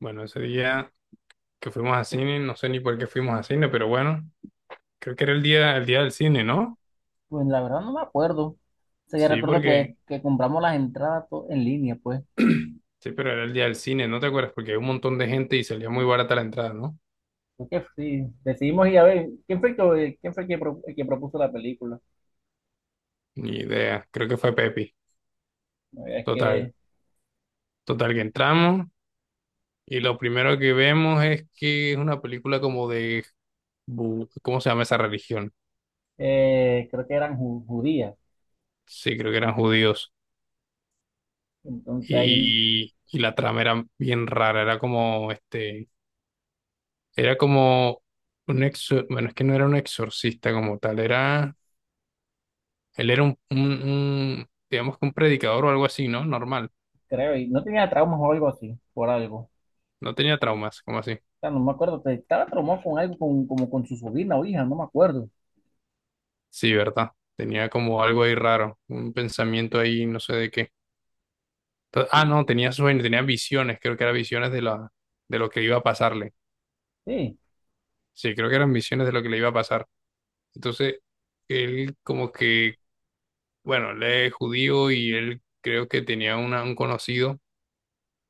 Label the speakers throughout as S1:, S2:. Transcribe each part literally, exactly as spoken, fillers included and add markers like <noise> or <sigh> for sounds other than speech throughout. S1: Bueno, ese día que fuimos a cine, no sé ni por qué fuimos a cine, pero bueno, creo que era el día, el día del cine, ¿no?
S2: Pues la verdad no me acuerdo. O sea, yo
S1: Sí,
S2: recuerdo que,
S1: porque,
S2: que compramos las entradas to- en línea, pues.
S1: sí, pero era el día del cine, ¿no te acuerdas? Porque hay un montón de gente y salía muy barata la entrada, ¿no?
S2: Creo que sí, decidimos ir a ver. ¿Quién fue, que, quién fue el que, pro- el que propuso la película?
S1: Ni idea, creo que fue Pepi.
S2: La verdad es
S1: Total,
S2: que
S1: total, que entramos y lo primero que vemos es que es una película como de, bu- ¿cómo se llama esa religión?
S2: eh, creo que eran ju- judías.
S1: Sí, creo que eran judíos.
S2: Entonces ahí
S1: Y, y la trama era bien rara, era como, este, era como un exor, bueno, es que no era un exorcista como tal, era, él era un, un, un, digamos que un predicador o algo así, ¿no? Normal,
S2: creo, y no tenía traumas o algo así, por algo. O
S1: no tenía traumas, como así.
S2: sea, no me acuerdo, te- estaba traumado con algo, con, como con su sobrina o hija, no me acuerdo.
S1: Sí, ¿verdad? Tenía como algo ahí raro, un pensamiento ahí, no sé de qué. To- ah, no, tenía sueños, tenía visiones, creo que eran visiones de la, de lo que iba a pasarle.
S2: Sí,
S1: Sí, creo que eran visiones de lo que le iba a pasar. Entonces, él como que, bueno, él es judío y él creo que tenía una, un conocido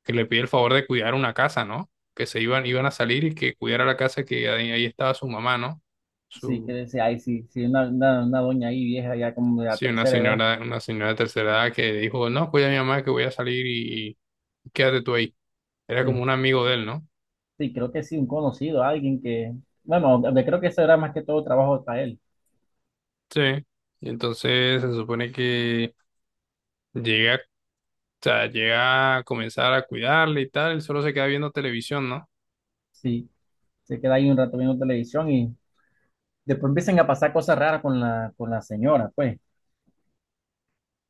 S1: que le pide el favor de cuidar una casa, ¿no? Que se iban, iban a salir y que cuidara la casa que ahí, ahí estaba su mamá, ¿no?
S2: sí, que
S1: Su,
S2: decía, ay, sí, sí, una, una, una doña ahí vieja, ya como de la
S1: sí, una
S2: tercera edad.
S1: señora, una señora de tercera edad que dijo, no, cuida a mi mamá que voy a salir y, y quédate tú ahí. Era como
S2: Sí.
S1: un amigo de él, ¿no?
S2: Sí, creo que sí, un conocido, alguien que, bueno, de- creo que eso era más que todo trabajo para él.
S1: Sí. Y entonces se supone que llega, o sea, llega a comenzar a cuidarle y tal, él solo se queda viendo televisión, ¿no?
S2: Sí, se queda ahí un rato viendo televisión y después empiezan a pasar cosas raras con la, con la señora, pues.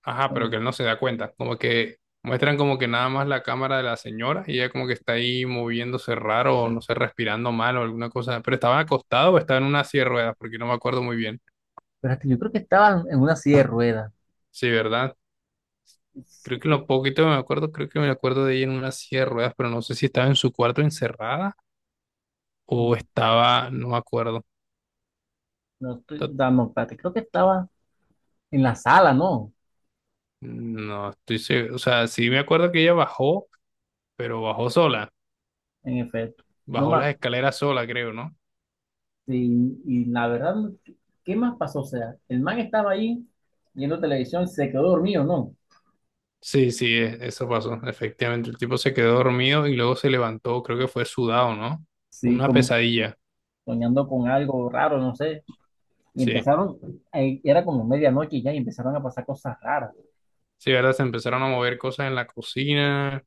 S1: Ajá, pero
S2: ¿No?
S1: que él no se da cuenta. Como que muestran como que nada más la cámara de la señora y ella como que está ahí moviéndose raro o no sé, respirando mal o alguna cosa. Pero estaba acostado o estaba en una silla de ruedas, porque no me acuerdo muy bien.
S2: Pero hasta yo creo que estaba en una silla de ruedas.
S1: Sí, ¿verdad?
S2: Es
S1: Creo que lo
S2: que,
S1: poquito que me acuerdo, creo que me acuerdo de ella en una silla de ruedas, pero no sé si estaba en su cuarto encerrada o
S2: mm,
S1: estaba, no me acuerdo.
S2: no estoy
S1: To-
S2: dando, espérate, creo que estaba en la sala, ¿no?
S1: No estoy seguro. O sea, sí me acuerdo que ella bajó, pero bajó sola.
S2: En efecto. No
S1: Bajó
S2: más,
S1: las escaleras sola, creo, ¿no?
S2: sí, y la verdad, ¿qué más pasó? O sea, el man estaba ahí viendo televisión, se quedó dormido, ¿no?
S1: Sí, sí, e- eso pasó. Efectivamente, el tipo se quedó dormido y luego se levantó, creo que fue sudado, ¿no?
S2: Sí,
S1: Una
S2: como
S1: pesadilla.
S2: soñando con algo raro, no sé. Y
S1: Sí,
S2: empezaron, ahí era como medianoche ya, y empezaron a pasar cosas raras.
S1: sí, ¿verdad? Se empezaron a mover cosas en la cocina,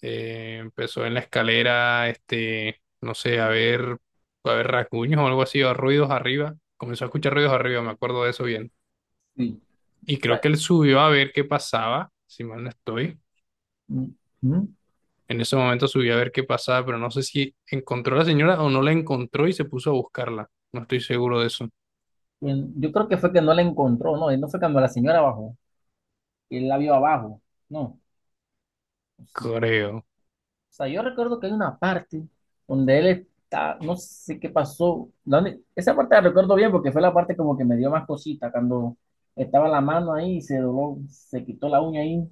S1: eh, empezó en la escalera, este, no sé, a ver, a ver rasguños o algo así, o ruidos arriba. Comenzó a escuchar ruidos arriba, me acuerdo de eso bien.
S2: Sí.
S1: Y
S2: O
S1: creo
S2: sea,
S1: que él subió a ver qué pasaba, si mal no estoy.
S2: mm, mm,
S1: En ese momento subió a ver qué pasaba, pero no sé si encontró a la señora o no la encontró y se puso a buscarla. No estoy seguro de eso.
S2: y yo creo que fue que no la encontró, no, no fue cuando la señora bajó, que él la vio abajo, no. Pues sí. O
S1: Creo.
S2: sea, yo recuerdo que hay una parte donde él está, no sé qué pasó, donde- esa parte la recuerdo bien porque fue la parte como que me dio más cosita, cuando estaba la mano ahí y se dobló, se quitó la uña ahí.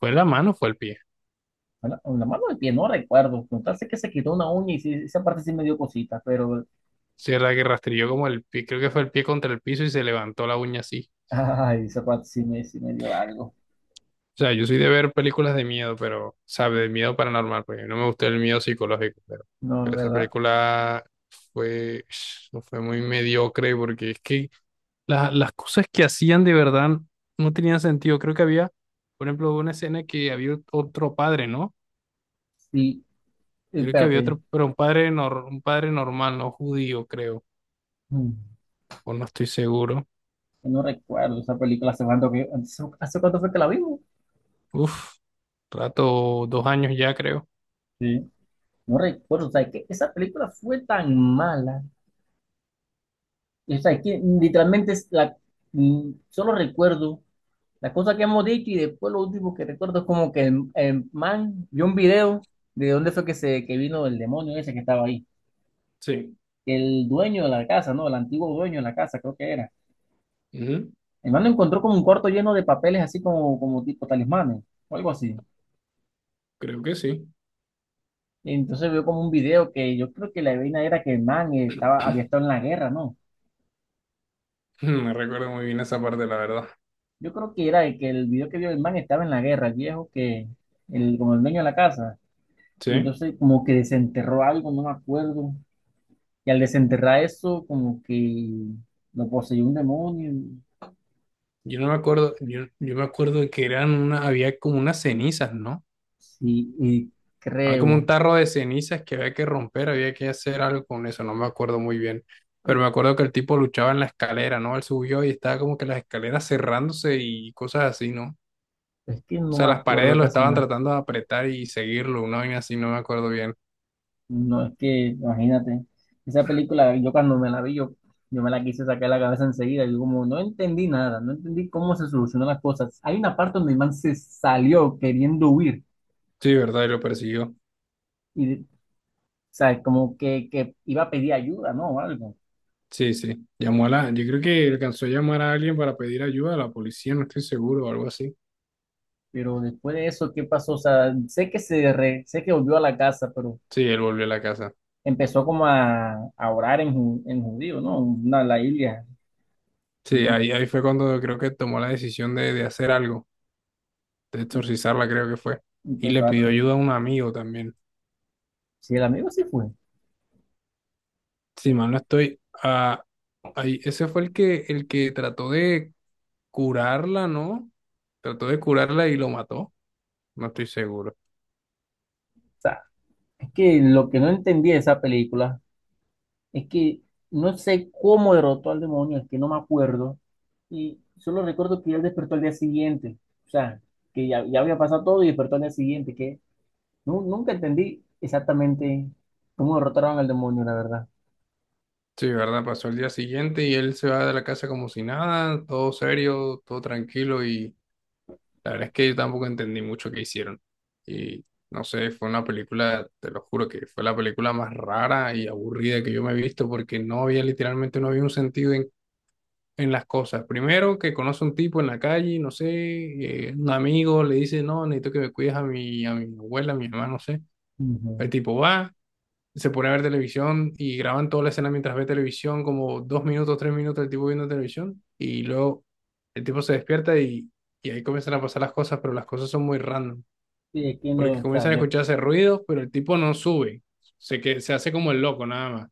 S1: ¿Fue la mano o fue el pie?
S2: Bueno, la mano del pie, no recuerdo, con tal sé que se quitó una uña y sí, esa parte sí me dio cosita, pero
S1: Sí, verdad que rastrilló como el pie, creo que fue el pie contra el piso y se levantó la uña así.
S2: ay, esa parte sí me, sí me dio algo.
S1: O sea, yo soy de ver películas de miedo, pero, sabe, de miedo paranormal, porque no me gusta el miedo psicológico, pero,
S2: No, es
S1: pero esa
S2: verdad.
S1: película fue, <sniffs> fue muy mediocre porque es que la- las cosas que hacían de verdad no tenían sentido. Creo que había, por ejemplo, una escena que había otro padre, ¿no?
S2: Sí,
S1: Creo que había
S2: espérate.
S1: otro, pero un padre, nor- un padre normal, no judío, creo,
S2: Mm,
S1: o no estoy seguro.
S2: No recuerdo esa película hace cuánto que, hace hace cuánto fue que la vimos.
S1: Uf, rato, dos años ya creo.
S2: Sí. No recuerdo. O sea, que esa película fue tan mala. O sea, que literalmente es la, mm, solo recuerdo las cosas que hemos dicho y después lo último que recuerdo es como que el, el man vio un video de dónde fue que se que vino el demonio ese que estaba ahí.
S1: Sí.
S2: El dueño de la casa, ¿no? El antiguo dueño de la casa, creo que era.
S1: Ujú,
S2: El mano encontró como un cuarto lleno de papeles así como, como tipo talismanes o algo así.
S1: creo que sí.
S2: Y entonces vio como un video que yo creo que la vaina era que el man estaba, había estado
S1: <clears throat>
S2: en la guerra, ¿no?
S1: Me recuerdo muy bien esa parte, la verdad.
S2: Yo creo que era el que el video que vio el man estaba en la guerra, el viejo que, el, como el dueño de la casa. Y
S1: Sí.
S2: entonces como que desenterró algo, no me acuerdo. Y al desenterrar eso, como que lo poseyó un demonio.
S1: Yo no me acuerdo, yo, yo me acuerdo que eran una, había como unas cenizas, ¿no?
S2: Sí, y
S1: Había como un
S2: creo.
S1: tarro de cenizas que había que romper, había que hacer algo con eso, no me acuerdo muy bien. Pero
S2: Es
S1: me acuerdo que el tipo luchaba en la escalera, ¿no? Él subió y estaba como que las escaleras cerrándose y cosas así, ¿no? O
S2: es que no
S1: sea,
S2: me
S1: las
S2: acuerdo
S1: paredes lo
S2: casi
S1: estaban
S2: nada.
S1: tratando de apretar y seguirlo, una vaina así, no me acuerdo bien.
S2: No es que, imagínate, esa película, yo cuando me la vi, yo, yo me la quise sacar de la cabeza enseguida. Yo como no entendí nada, no entendí cómo se solucionan las cosas. Hay una parte donde el man se salió queriendo huir
S1: Sí, ¿verdad? Y lo persiguió.
S2: y, o sea, como que, que iba a pedir ayuda, ¿no? O algo.
S1: Sí, sí. Llamó a la, yo creo que alcanzó a llamar a alguien para pedir ayuda a la policía, no estoy seguro, o algo así.
S2: Pero después de eso, ¿qué pasó? O sea, sé que se re- sé que volvió a la casa, pero
S1: Sí, él volvió a la casa.
S2: empezó como a, a orar en, ju- en judío, ¿no? Una, la Biblia,
S1: Sí,
S2: ¿no?
S1: ahí, ahí fue cuando creo que tomó la decisión de, de hacer algo, de
S2: Y,
S1: exorcizarla, creo que fue.
S2: y
S1: Y le
S2: empezó a...
S1: pidió
S2: re-
S1: ayuda a un amigo también.
S2: Si el amigo sí fue.
S1: Si mal no estoy, ah, ahí, ese fue el que, el que trató de curarla, ¿no? Trató de curarla y lo mató. No estoy seguro.
S2: Es que lo que no entendí de esa película es que no sé cómo derrotó al demonio, es que no me acuerdo. Y solo recuerdo que él despertó al día siguiente. O sea, que ya, ya había pasado todo y despertó al día siguiente. Que nu- nunca entendí exactamente cómo derrotaron al demonio, la verdad.
S1: Sí, ¿verdad? Pasó el día siguiente y él se va de la casa como si nada, todo serio, todo tranquilo y la verdad es que yo tampoco entendí mucho qué hicieron. Y no sé, fue una película, te lo juro, que fue la película más rara y aburrida que yo me he visto porque no había, literalmente, no había un sentido en, en las cosas. Primero, que conoce un tipo en la calle, no sé, eh, un amigo le dice, no, necesito que me cuides a mi, a mi abuela, a mi mamá, no sé.
S2: Ujú.
S1: El tipo va, se pone a ver televisión y graban toda la escena mientras ve televisión, como dos minutos, tres minutos el tipo viendo televisión, y luego el tipo se despierta y, y ahí comienzan a pasar las cosas, pero las cosas son muy random,
S2: Sí, es que
S1: porque
S2: no, o sea,
S1: comienzan a
S2: no-
S1: escucharse ruidos, pero el tipo no sube, se, que, se hace como el loco nada más.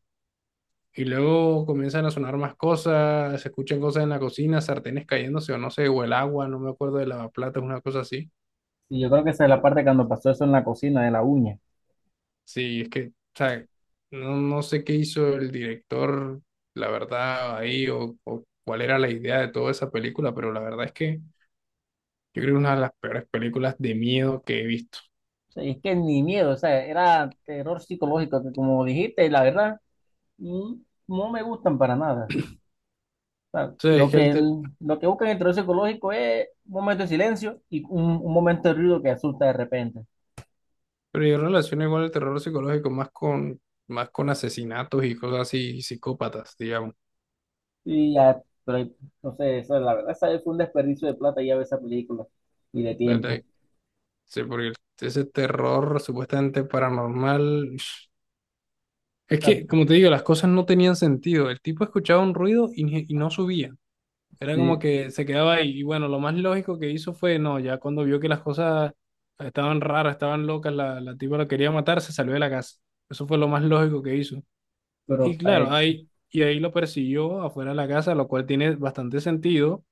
S1: Y luego comienzan a sonar más cosas, se escuchan cosas en la cocina, sartenes cayéndose o no sé, o el agua, no me acuerdo de lavaplatos, una cosa así.
S2: y yo creo que esa es la parte cuando pasó eso en la cocina de la uña.
S1: Sí, es que, o sea, no, no sé qué hizo el director, la verdad, ahí, o, o cuál era la idea de toda esa película, pero la verdad es que yo creo que es una de las peores películas de miedo que he visto.
S2: O sea, y es que ni miedo, o sea, era terror psicológico, que como dijiste, la verdad, mm, no me gustan para nada. Sea,
S1: O sea, es
S2: lo
S1: que
S2: que,
S1: el ter-
S2: el- lo que busca en el terror psicológico es un momento de silencio y un, un momento de ruido que asusta de repente.
S1: pero yo relaciono igual el terror psicológico más con, más con asesinatos y cosas así, y psicópatas, digamos.
S2: Y ya, pero no sé, eso, la verdad, esa fue un desperdicio de plata ya ver esa película y de
S1: La verdad,
S2: tiempo.
S1: sí, porque ese terror supuestamente paranormal, <sniffs> es
S2: O sea,
S1: que, como te digo, las cosas no tenían sentido. El tipo escuchaba un ruido y, ni- y no subía. Era como
S2: sí,
S1: que se quedaba ahí. Y bueno, lo más lógico que hizo fue, no, ya cuando vio que las cosas estaban raras, estaban locas, la, la tipa lo quería matar, se salió de la casa. Eso fue lo más lógico que hizo. Y
S2: pero
S1: claro,
S2: eh,
S1: ahí, y ahí lo persiguió afuera de la casa, lo cual tiene bastante sentido,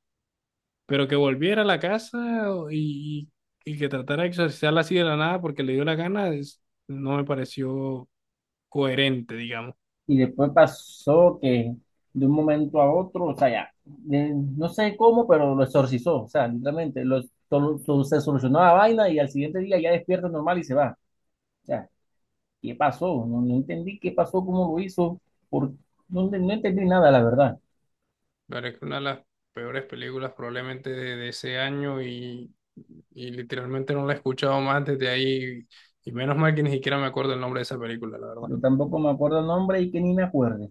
S1: pero que volviera a la casa o- y, y que tratara de exorcizarla así de la nada porque le dio la gana, es- no me pareció coherente.
S2: y después pasó que de un momento a otro, o sea, ya, de- no sé cómo, pero lo exorcizó, o sea, literalmente, lo, todo- todo se solucionó la vaina y al siguiente día ya despierta normal y se va. Ya. ¿Qué pasó? No, no entendí qué pasó, cómo lo hizo, por, no, no entendí nada, la verdad.
S1: Claro, es que una de las peores películas probablemente de, de ese año y, y literalmente no la he escuchado más desde ahí y menos mal que ni siquiera me acuerdo el nombre de esa película, la verdad.
S2: Yo tampoco me acuerdo el nombre y que ni me acuerde.